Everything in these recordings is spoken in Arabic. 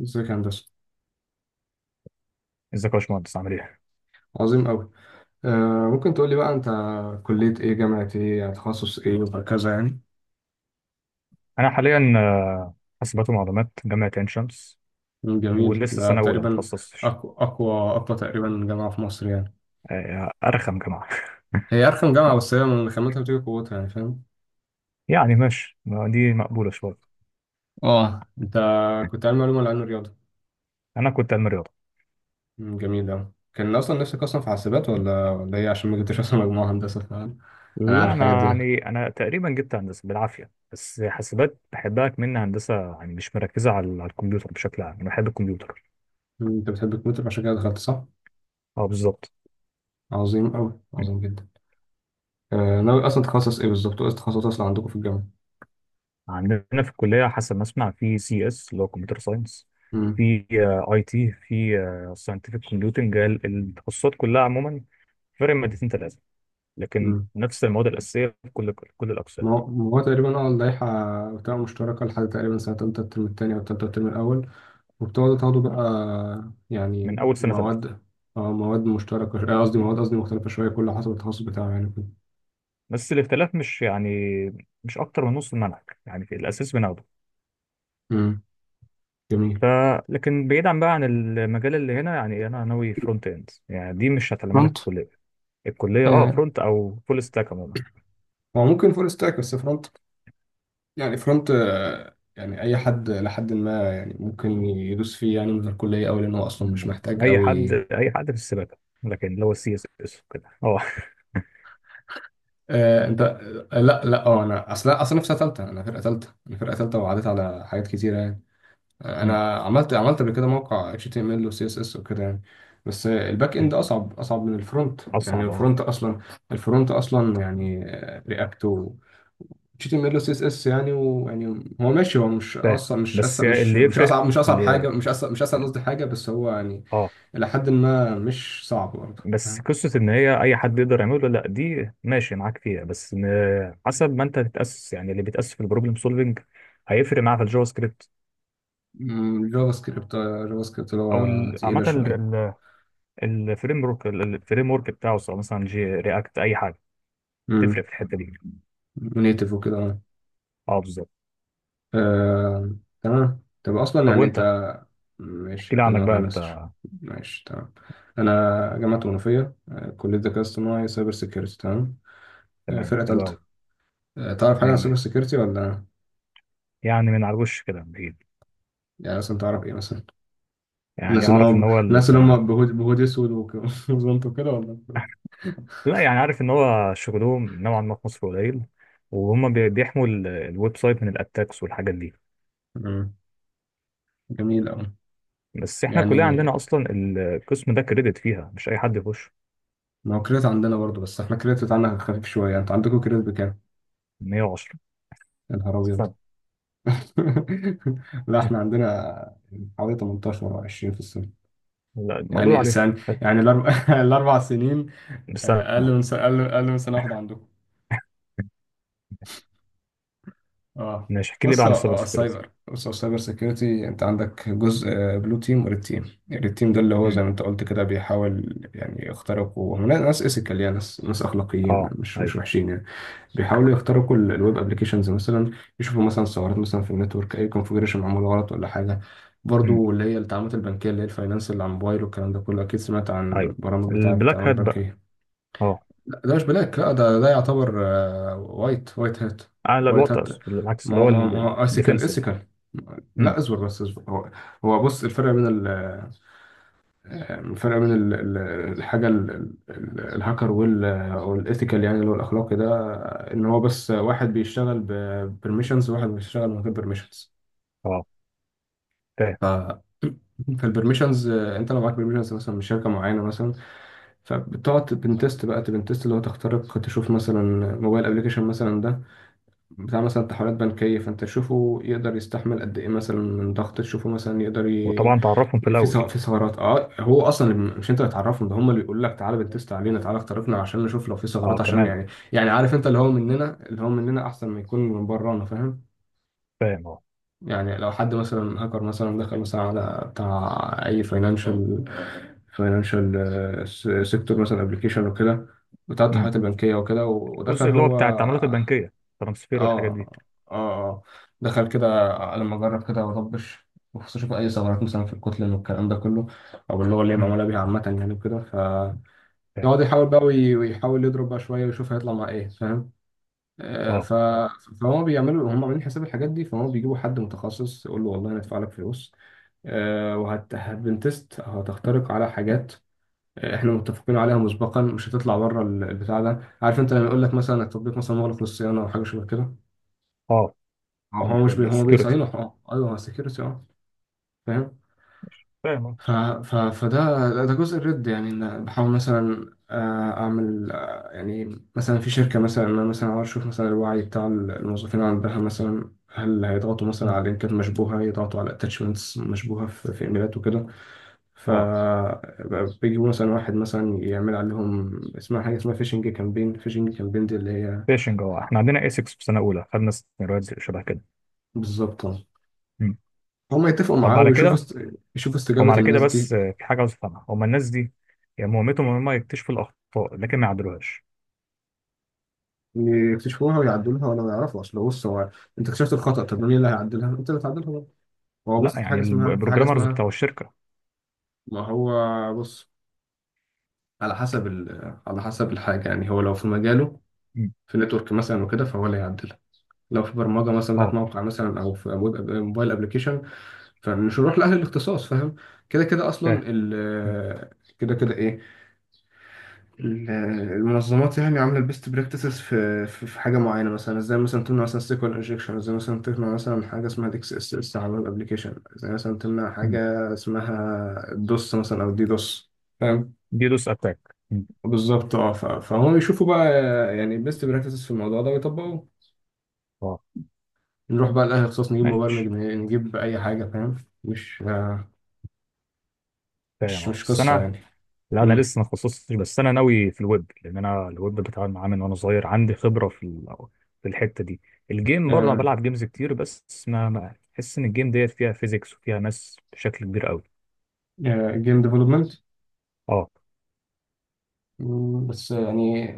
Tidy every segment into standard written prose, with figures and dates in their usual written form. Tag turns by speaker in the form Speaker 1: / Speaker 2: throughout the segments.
Speaker 1: ازيك يا هندسة؟
Speaker 2: ازيك يا باشمهندس، عامل ايه؟
Speaker 1: عظيم أوي. ممكن تقول لي بقى أنت كلية إيه، جامعة إيه، يعني تخصص إيه وهكذا يعني.
Speaker 2: انا حاليا حاسبات ومعلومات جامعه عين شمس،
Speaker 1: جميل.
Speaker 2: ولسه
Speaker 1: ده
Speaker 2: سنه اولى ما
Speaker 1: تقريبا
Speaker 2: اتخصصتش.
Speaker 1: أقوى أقوى أقوى تقريبا جامعة في مصر يعني.
Speaker 2: آه، ارخم جامعه.
Speaker 1: هي أرخم جامعة بس هي من خامتها بتيجي قوتها، يعني فاهم.
Speaker 2: يعني ماشي، ما دي مقبوله شويه.
Speaker 1: اه، أنت كنت علمي علوم ولا علم رياضة؟
Speaker 2: انا كنت علم رياضه.
Speaker 1: جميل أوي. كان أصلا نفسك أصلا في حاسبات ولا إيه؟ عشان ما جبتش أصلا مجموعة هندسة، فاهم. أنا عارف
Speaker 2: لا،
Speaker 1: الحاجات
Speaker 2: انا
Speaker 1: دي يعني.
Speaker 2: يعني انا تقريبا جبت هندسه بالعافيه، بس حاسبات بحبها. كمان هندسه يعني مش مركزه على الكمبيوتر بشكل عام، انا بحب الكمبيوتر.
Speaker 1: أنت بتحب الكمبيوتر عشان كده دخلت، صح؟
Speaker 2: اه، بالظبط.
Speaker 1: عظيم أوي،
Speaker 2: م.
Speaker 1: عظيم جدا. ناوي أصلا تخصص إيه بالظبط، وإيه التخصصات أصلا عندكم في الجامعة؟
Speaker 2: عندنا في الكليه، حسب ما اسمع، في سي اس اللي هو كمبيوتر ساينس، في اي تي، في ساينتفك كومبيوتنج. التخصصات كلها عموما فرق مادتين ثلاثة، لكن
Speaker 1: مم.
Speaker 2: نفس المواد الأساسية في كل
Speaker 1: ما
Speaker 2: الأقسام،
Speaker 1: هو ما هو تقريبا اللائحة بتبقى مشتركة لحد تقريبا سنة تالتة الترم التاني أو تالتة الترم الأول، وبتقعدوا تاخدوا بقى
Speaker 2: من
Speaker 1: يعني
Speaker 2: أول سنة ثالثة.
Speaker 1: مواد. اه، مواد مشتركة قصدي مواد، قصدي مختلفة شوية كل حسب التخصص بتاعه يعني كده.
Speaker 2: بس الاختلاف مش يعني مش أكتر من نص المنهج، يعني في الأساس بناخده.
Speaker 1: مم. جميل.
Speaker 2: ف لكن بعيدا بقى عن المجال اللي هنا، يعني أنا ناوي فرونت إند، يعني دي مش هتعلمها لك في
Speaker 1: فرونت.
Speaker 2: الكلية. الكلية أه
Speaker 1: آه،
Speaker 2: فرونت أو فول ستاك عموما.
Speaker 1: هو ممكن فول ستاك بس فرونت يعني. فرونت، يعني أي حد لحد ما، يعني ممكن يدوس فيه يعني من الكلية أوي، لأن هو أصلا مش
Speaker 2: يعني
Speaker 1: محتاج
Speaker 2: أي حد،
Speaker 1: أوي.
Speaker 2: أي حد في السباكة، لكن اللي هو السي اس اس وكده أه.
Speaker 1: آه انت آه، لا لا، انا اصلا في سنه ثالثه، انا فرقه ثالثه، وعديت على حاجات كتيره يعني.
Speaker 2: أمم،
Speaker 1: انا عملت قبل كده موقع اتش تي ام ال وسي اس اس وكده يعني. بس الباك
Speaker 2: أمم.
Speaker 1: اند اصعب من الفرونت، يعني
Speaker 2: اصعب، اه.
Speaker 1: الفرونت اصلا. الفرونت اصلا يعني رياكت و اتش تي ام ال وسي اس اس يعني ويعني. هو ماشي، هو مش
Speaker 2: فاهم،
Speaker 1: اصلا مش
Speaker 2: بس
Speaker 1: أصلا
Speaker 2: يعني
Speaker 1: مش
Speaker 2: اللي
Speaker 1: مش
Speaker 2: يفرق
Speaker 1: اصعب مش اصعب
Speaker 2: اللي...
Speaker 1: حاجه مش اصعب مش اسهل قصدي حاجه، بس هو يعني
Speaker 2: اه.
Speaker 1: الى حد ما مش صعب برضه،
Speaker 2: بس
Speaker 1: فاهم.
Speaker 2: قصة إن هي أي حد يقدر يعمله، لأ دي ماشي معاك فيها، بس حسب ما أنت تتأسس، يعني اللي بيتأسس في البروبلم سولفنج هيفرق معاه في الجافا سكريبت،
Speaker 1: جافا سكريبت، جافا سكريبت اللي
Speaker 2: أو
Speaker 1: هو
Speaker 2: عامة
Speaker 1: تقيله شويه.
Speaker 2: الفريم ورك بتاعه، سواء مثلا جي رياكت أي حاجة تفرق
Speaker 1: مم.
Speaker 2: في الحتة دي.
Speaker 1: نيتف وكده، اه.
Speaker 2: أه، بالظبط.
Speaker 1: آه، تمام. طب اصلا
Speaker 2: طب
Speaker 1: يعني
Speaker 2: وأنت،
Speaker 1: انت...
Speaker 2: احكي
Speaker 1: ماشي،
Speaker 2: لي عنك
Speaker 1: هكلمك
Speaker 2: بقى
Speaker 1: عن
Speaker 2: أنت.
Speaker 1: نفسي شوية. ماشي تمام. انا جامعه منوفيه، كليه ذكاء اصطناعي سايبر سيكيورتي، تمام.
Speaker 2: تمام،
Speaker 1: فرقه
Speaker 2: حلو أوي.
Speaker 1: ثالثه. تعرف حاجه
Speaker 2: مية
Speaker 1: عن سايبر
Speaker 2: مية،
Speaker 1: سيكيورتي ولا؟
Speaker 2: يعني من على الوش كده بعيد.
Speaker 1: يعني مثلا تعرف ايه مثلا؟
Speaker 2: يعني أعرف إن هو ال...
Speaker 1: الناس اللي هم بهود اسود وزنط وكده ولا؟
Speaker 2: لا، يعني عارف إن هو شغلهم نوعا ما في مصر قليل، وهم بيحموا الويب سايت من الأتاكس والحاجات دي.
Speaker 1: مم. جميل قوي.
Speaker 2: بس احنا كلنا
Speaker 1: يعني
Speaker 2: عندنا اصلا القسم ده كريدت فيها، مش اي حد يخش.
Speaker 1: ما هو كريت عندنا برضه، بس احنا كريت بتاعنا خفيف شويه. انت عندكم كريت بكام؟
Speaker 2: 110.
Speaker 1: يا نهار ابيض.
Speaker 2: استنى.
Speaker 1: لا احنا عندنا حوالي 18 او 20 في السنة.
Speaker 2: لا،
Speaker 1: يعني
Speaker 2: المقدور عليها.
Speaker 1: السنة، يعني الاربع الاربع سنين.
Speaker 2: استنى،
Speaker 1: اقل من سنة، أقل من سنة واحدة عندكم. اه.
Speaker 2: ماشي احكي لي بقى
Speaker 1: بص
Speaker 2: عن السايبر سكيورتي.
Speaker 1: السايبر، بص السايبر سيكيورتي. انت عندك جزء، بلو تيم وريد تيم. الريد تيم ده اللي هو زي
Speaker 2: امم،
Speaker 1: ما انت قلت كده بيحاول يعني يخترقوا. هم ناس ايثيكال، يعني ناس اخلاقيين
Speaker 2: اه،
Speaker 1: مش
Speaker 2: ايوه.
Speaker 1: مش وحشين يعني. بيحاولوا يخترقوا الويب ابلكيشنز مثلا. يشوفوا مثلا ثغرات مثلا في النتورك، اي كونفجريشن معمول غلط ولا حاجه.
Speaker 2: امم،
Speaker 1: برضو اللي هي التعاملات البنكيه، اللي هي الفاينانس اللي على الموبايل والكلام ده كله. اكيد سمعت عن
Speaker 2: ايوه.
Speaker 1: برامج بتاعه
Speaker 2: البلاك هات
Speaker 1: التعاملات
Speaker 2: بقى،
Speaker 1: البنكيه.
Speaker 2: اه.
Speaker 1: لا، ده مش بلاك. لا، ده يعتبر وايت وايت هات.
Speaker 2: اعلى
Speaker 1: وايت
Speaker 2: الوقت
Speaker 1: هات.
Speaker 2: العكس،
Speaker 1: ما
Speaker 2: اللي
Speaker 1: هو
Speaker 2: هو
Speaker 1: ما هو ما هو اسيكال
Speaker 2: الديفنسيف.
Speaker 1: اسيكال. لا،
Speaker 2: امم،
Speaker 1: اصبر بس، اصبر. هو... هو بص، الفرق بين الفرق بين ال- ال- الحاجه ال- الهاكر وال والايثيكال، يعني اللي هو الاخلاقي ده، ان هو بس واحد بيشتغل ببرميشنز وواحد بيشتغل من غير برميشنز.
Speaker 2: اه. فاهم.
Speaker 1: ف فالبرميشنز، انت لو معاك برميشنز مثلا من شركه معينه مثلا، فبتقعد تبنتست بقى. تبنتست اللي هو تخترق، تشوف مثلا موبايل ابلكيشن مثلا ده بتاع مثلا تحويلات بنكية، فأنت تشوفه يقدر يستحمل قد إيه مثلا من ضغط، تشوفه مثلا يقدر ي...
Speaker 2: وطبعا تعرفهم في
Speaker 1: في
Speaker 2: الاول.
Speaker 1: سو... في ثغرات. أه، هو أصلا مش أنت اللي تعرفهم، ده هم اللي بيقول لك تعالى بتست علينا، تعالى اخترقنا عشان نشوف لو في
Speaker 2: اه
Speaker 1: ثغرات عشان
Speaker 2: كمان.
Speaker 1: يعني... يعني عارف أنت اللي هو مننا، اللي هو مننا أحسن ما يكون من برانا، فاهم.
Speaker 2: فاهم، اه.
Speaker 1: يعني لو حد مثلا هاكر مثلا دخل مثلا على بتاع أي فاينانشال سيكتور مثلا، ابلكيشن وكده بتاع
Speaker 2: امم.
Speaker 1: التحويلات البنكية وكده، ودخل
Speaker 2: الجزء اللي هو
Speaker 1: هو.
Speaker 2: بتاع التعاملات البنكيه، ترانسفير
Speaker 1: اه
Speaker 2: والحاجات دي.
Speaker 1: اه، اه. دخل كده، لما اجرب كده واطبش بخصوص اشوف اي ثغرات مثلا في الكتلة والكلام ده كله، او اللي هو اللي هي
Speaker 2: امم.
Speaker 1: معموله بيها عامه يعني وكده، ف...
Speaker 2: فاهم،
Speaker 1: يقعد يحاول بقى ويحاول يضرب بقى شويه، ويشوف هيطلع مع ايه، فاهم.
Speaker 2: اه.
Speaker 1: ف فهم بيعملوا، هم عاملين حساب الحاجات دي، فهم بيجيبوا حد متخصص يقول له والله هندفع لك فلوس. وهت هتبنتست هتخترق على حاجات احنا متفقين عليها مسبقا، مش هتطلع بره البتاع ده، عارف انت لما يقول لك مثلا التطبيق مثلا مغلق للصيانه او حاجه شبه كده.
Speaker 2: اه،
Speaker 1: هو
Speaker 2: فاهم
Speaker 1: هو مش
Speaker 2: الحاجات
Speaker 1: بي...
Speaker 2: دي
Speaker 1: هو
Speaker 2: سكيورتي.
Speaker 1: بيصينه، اه ايوه هو سكيورتي، اه. فاهم.
Speaker 2: فاهم، اه.
Speaker 1: ف... ف... فده ده جزء الرد، يعني ان بحاول مثلا اعمل يعني مثلا في شركه مثلا، إن انا مثلا عاوز اشوف مثلا الوعي بتاع الموظفين عندها مثلا، هل هيضغطوا مثلا
Speaker 2: مم.
Speaker 1: على لينكات مشبوهه، يضغطوا على اتاتشمنتس مشبوهه في ايميلات وكده. ف
Speaker 2: اه.
Speaker 1: بيجيبوا مثلا واحد مثلا يعمل عليهم، اسمها حاجه اسمها فيشنج كامبين. فيشنج كامبين دي اللي هي...
Speaker 2: فيشنج، اه، احنا عندنا اسكس في سنه اولى خدنا سيناريوهات شبه كده.
Speaker 1: بالظبط، آه.
Speaker 2: مم.
Speaker 1: هم يتفقوا
Speaker 2: طب
Speaker 1: معاه
Speaker 2: على
Speaker 1: ويشوفوا
Speaker 2: كده،
Speaker 1: است... يشوفوا
Speaker 2: هم
Speaker 1: استجابة
Speaker 2: على كده،
Speaker 1: الناس
Speaker 2: بس
Speaker 1: دي.
Speaker 2: في حاجه عاوز افهمها. هم الناس دي يعني مهمتهم ان هم يكتشفوا الاخطاء، لكن ما يعدلوهاش؟
Speaker 1: يكتشفوها ويعدلوها ولا يعرفوا، اصل بص هو، انت اكتشفت الخطأ طب مين اللي هيعدلها؟ انت اللي هتعدلها بقى. هو
Speaker 2: لا،
Speaker 1: بص، في
Speaker 2: يعني
Speaker 1: حاجة اسمها، في حاجة
Speaker 2: البروجرامرز
Speaker 1: اسمها...
Speaker 2: بتوع الشركه.
Speaker 1: ما هو بص، على حسب على حسب الحاجة، يعني هو لو في مجاله،
Speaker 2: مم.
Speaker 1: في نتورك مثلا وكده فهو اللي هيعدلها. لو في برمجة مثلا بتاعت
Speaker 2: اه.
Speaker 1: موقع مثلا، او في ويب موبايل ابلكيشن، فمش هنروح لأهل الاختصاص، فاهم. كده كده
Speaker 2: فاهم.
Speaker 1: اصلا
Speaker 2: مم.
Speaker 1: ال... كده كده ايه ال- المنظمات يعني عامله البيست براكتسز في في حاجه معينه مثلا، ازاي مثلا تمنع مثلا سيكوال انجكشن، ازاي مثلا تمنع مثلا حاجه اسمها ديكس اس اس على الويب ابلكيشن، ازاي مثلا تمنع حاجه
Speaker 2: مم.
Speaker 1: اسمها دوس مثلا او دي دوس. فاهم.
Speaker 2: دي دوس اتاك. مم.
Speaker 1: بالظبط، اه. فهم يشوفوا بقى يعني البيست براكتسز في الموضوع ده ويطبقوه.
Speaker 2: اه.
Speaker 1: نروح بقى لاي اختصاص نجيب مبرمج
Speaker 2: ماشي.
Speaker 1: نجيب اي حاجه، فاهم. مش
Speaker 2: فاهم،
Speaker 1: مش
Speaker 2: اه،
Speaker 1: مش
Speaker 2: بس
Speaker 1: قصه
Speaker 2: انا،
Speaker 1: يعني.
Speaker 2: لا انا لسه ما تخصصتش، بس انا ناوي في الويب، لان انا الويب بتعامل معاه من وانا صغير، عندي خبره في في الحته دي. الجيم برضه انا
Speaker 1: امم،
Speaker 2: بلعب جيمز كتير، بس بحس ان الجيم ديت فيها فيزيكس وفيها ماس بشكل كبير قوي.
Speaker 1: جيم ديفلوبمنت.
Speaker 2: اه.
Speaker 1: بس يعني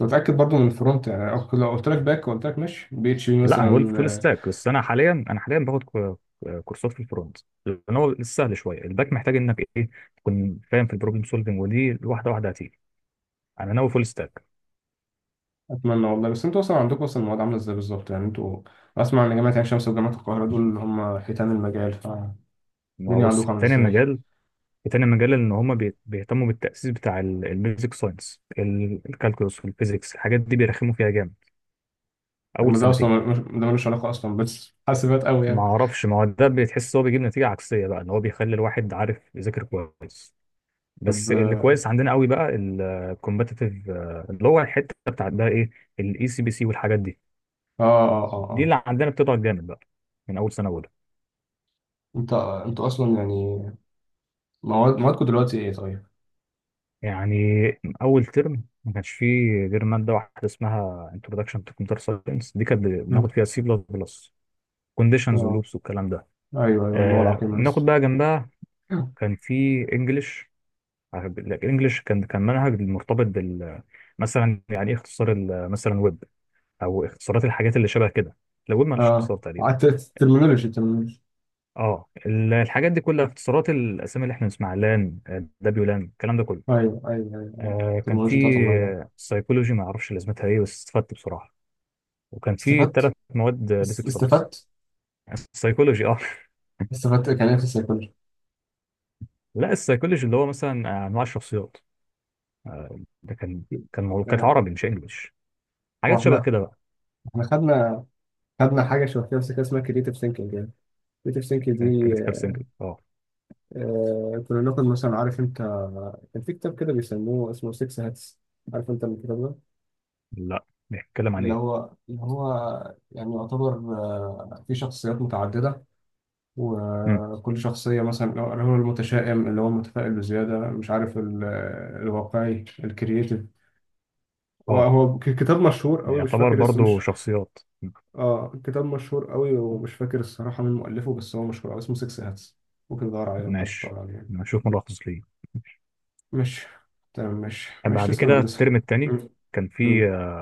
Speaker 1: متأكد برضو من الفرونت يعني، أو لو قلت لك باك وقلت لك مش بي اتش بي
Speaker 2: لا، انا قلت
Speaker 1: مثلا،
Speaker 2: فول ستاك، بس انا حاليا، باخد كورسات في الفرونت، لان هو السهل شويه. الباك محتاج انك ايه، تكون فاهم في البروبلم سولفنج، ودي واحده واحده هتيجي. انا ناوي فول ستاك.
Speaker 1: أتمنى والله. بس أنتوا أصلا عندكم أصلا المواد عاملة إزاي بالظبط؟ يعني أنتوا أسمع إن جامعة عين شمس وجامعة القاهرة دول اللي هم حيتان المجال فالدنيا،
Speaker 2: ما هو بص،
Speaker 1: عندكم عاملة
Speaker 2: تاني
Speaker 1: إزاي؟
Speaker 2: مجال، ان هم بيهتموا بالتأسيس بتاع البيزك ساينس. الكالكولس والفيزيكس الحاجات دي بيرخموا فيها جامد اول
Speaker 1: طب ده أصلا
Speaker 2: سنتين.
Speaker 1: ده ملوش علاقة أصلا بس حاسبات أوي
Speaker 2: ما
Speaker 1: يعني.
Speaker 2: اعرفش، ما هو ده بتحس هو بيجيب نتيجة عكسية بقى، ان هو بيخلي الواحد عارف يذاكر كويس.
Speaker 1: طب
Speaker 2: بس اللي كويس عندنا قوي بقى الكومبتيتيف، اللي هو الحتة بتاعت بقى ايه، الاي سي بي سي والحاجات دي.
Speaker 1: آه آه آه
Speaker 2: دي
Speaker 1: آه.
Speaker 2: اللي عندنا بتضعف جامد بقى من اول سنة اولى.
Speaker 1: أنت أنتوا أصلا يعني مواد موادكم دلوقتي إيه طيب؟
Speaker 2: يعني اول ترم ما كانش فيه غير ماده واحده اسمها انتروداكشن تو كمبيوتر ساينس، دي كانت بناخد
Speaker 1: مم.
Speaker 2: فيها سي بلس بلس، كونديشنز
Speaker 1: آه.
Speaker 2: ولوبس والكلام ده.
Speaker 1: أيوه أيوه اللغة
Speaker 2: آه،
Speaker 1: العقيمة
Speaker 2: ناخد
Speaker 1: لسه.
Speaker 2: بقى جنبها كان في انجلش. الانجلش كان منهج مرتبط بال، مثلا يعني ايه اختصار مثلا ويب، او اختصارات الحاجات اللي شبه كده. لو ويب مالوش
Speaker 1: آه،
Speaker 2: اختصار تقريبا.
Speaker 1: الترمينولوجي الترمينولوجي.
Speaker 2: اه، الحاجات دي كلها اختصارات الاسامي اللي احنا بنسمعها، لان، دبليو لان، الكلام ده كله.
Speaker 1: أيوه أيوه أيوه أيوه.
Speaker 2: كان في
Speaker 1: الترمينولوجي بتاعت المجال.
Speaker 2: سايكولوجي ما اعرفش لازمتها ايه، بس استفدت بصراحه. وكان في
Speaker 1: استفدت،
Speaker 2: ثلاث مواد بيسك سبس.
Speaker 1: استفدت.
Speaker 2: السايكولوجي، اه.
Speaker 1: استفدت كان إيه في السيكولوجي؟
Speaker 2: لا، السايكولوجي اللي هو مثلا انواع الشخصيات، ده كان موضوع، كانت عربي مش انجلش،
Speaker 1: هو
Speaker 2: حاجات شبه
Speaker 1: احنا،
Speaker 2: كده بقى.
Speaker 1: احنا خدنا خدنا حاجه شبه كده بس كده اسمها كريتيف ثينكينج يعني. كريتيف ثينكينج دي،
Speaker 2: كريتيكال سينجل، اه.
Speaker 1: كنا ناخد مثلا، عارف انت كان في كتاب كده بيسموه اسمه 6 هاتس، عارف انت الكتاب ده.
Speaker 2: لا، بيتكلم عن
Speaker 1: اللي
Speaker 2: ايه؟
Speaker 1: هو اللي هو يعني يعتبر في شخصيات متعدده،
Speaker 2: مم.
Speaker 1: وكل شخصيه مثلا اللي هو المتشائم، اللي هو المتفائل بزياده، مش عارف الواقعي الكرييتيف.
Speaker 2: اه،
Speaker 1: وهو كتاب مشهور قوي، مش
Speaker 2: يعتبر
Speaker 1: فاكر اسمه،
Speaker 2: برضو
Speaker 1: مش...
Speaker 2: شخصيات.
Speaker 1: اه كتاب مشهور قوي ومش فاكر الصراحة مين مؤلفه، بس هو مشهور قوي اسمه 6 هاتس. ممكن تدور عليه لو حد
Speaker 2: ماشي،
Speaker 1: دور عليه يعني.
Speaker 2: نشوف ملخص ليه.
Speaker 1: ماشي تمام، ماشي ماشي
Speaker 2: بعد
Speaker 1: تسلم يا
Speaker 2: كده
Speaker 1: هندسة.
Speaker 2: الترم التاني
Speaker 1: مم.
Speaker 2: كان في
Speaker 1: مم.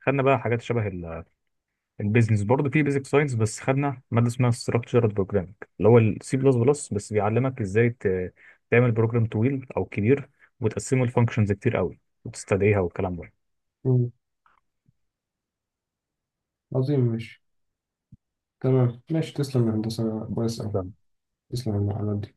Speaker 2: خدنا بقى حاجات شبه البيزنس برضه في بيزك ساينس، بس خدنا ماده اسمها ستراكشرد بروجرامينج اللي هو السي بلس بلس، بس بيعلمك ازاي تعمل بروجرام طويل او كبير، وتقسمه لفانكشنز كتير قوي، وتستدعيها والكلام
Speaker 1: مم. عظيم ماشي. تمام ماشي، تسلم يا هندسة، كويس أوي.
Speaker 2: ده
Speaker 1: تسلم على المعلومات دي.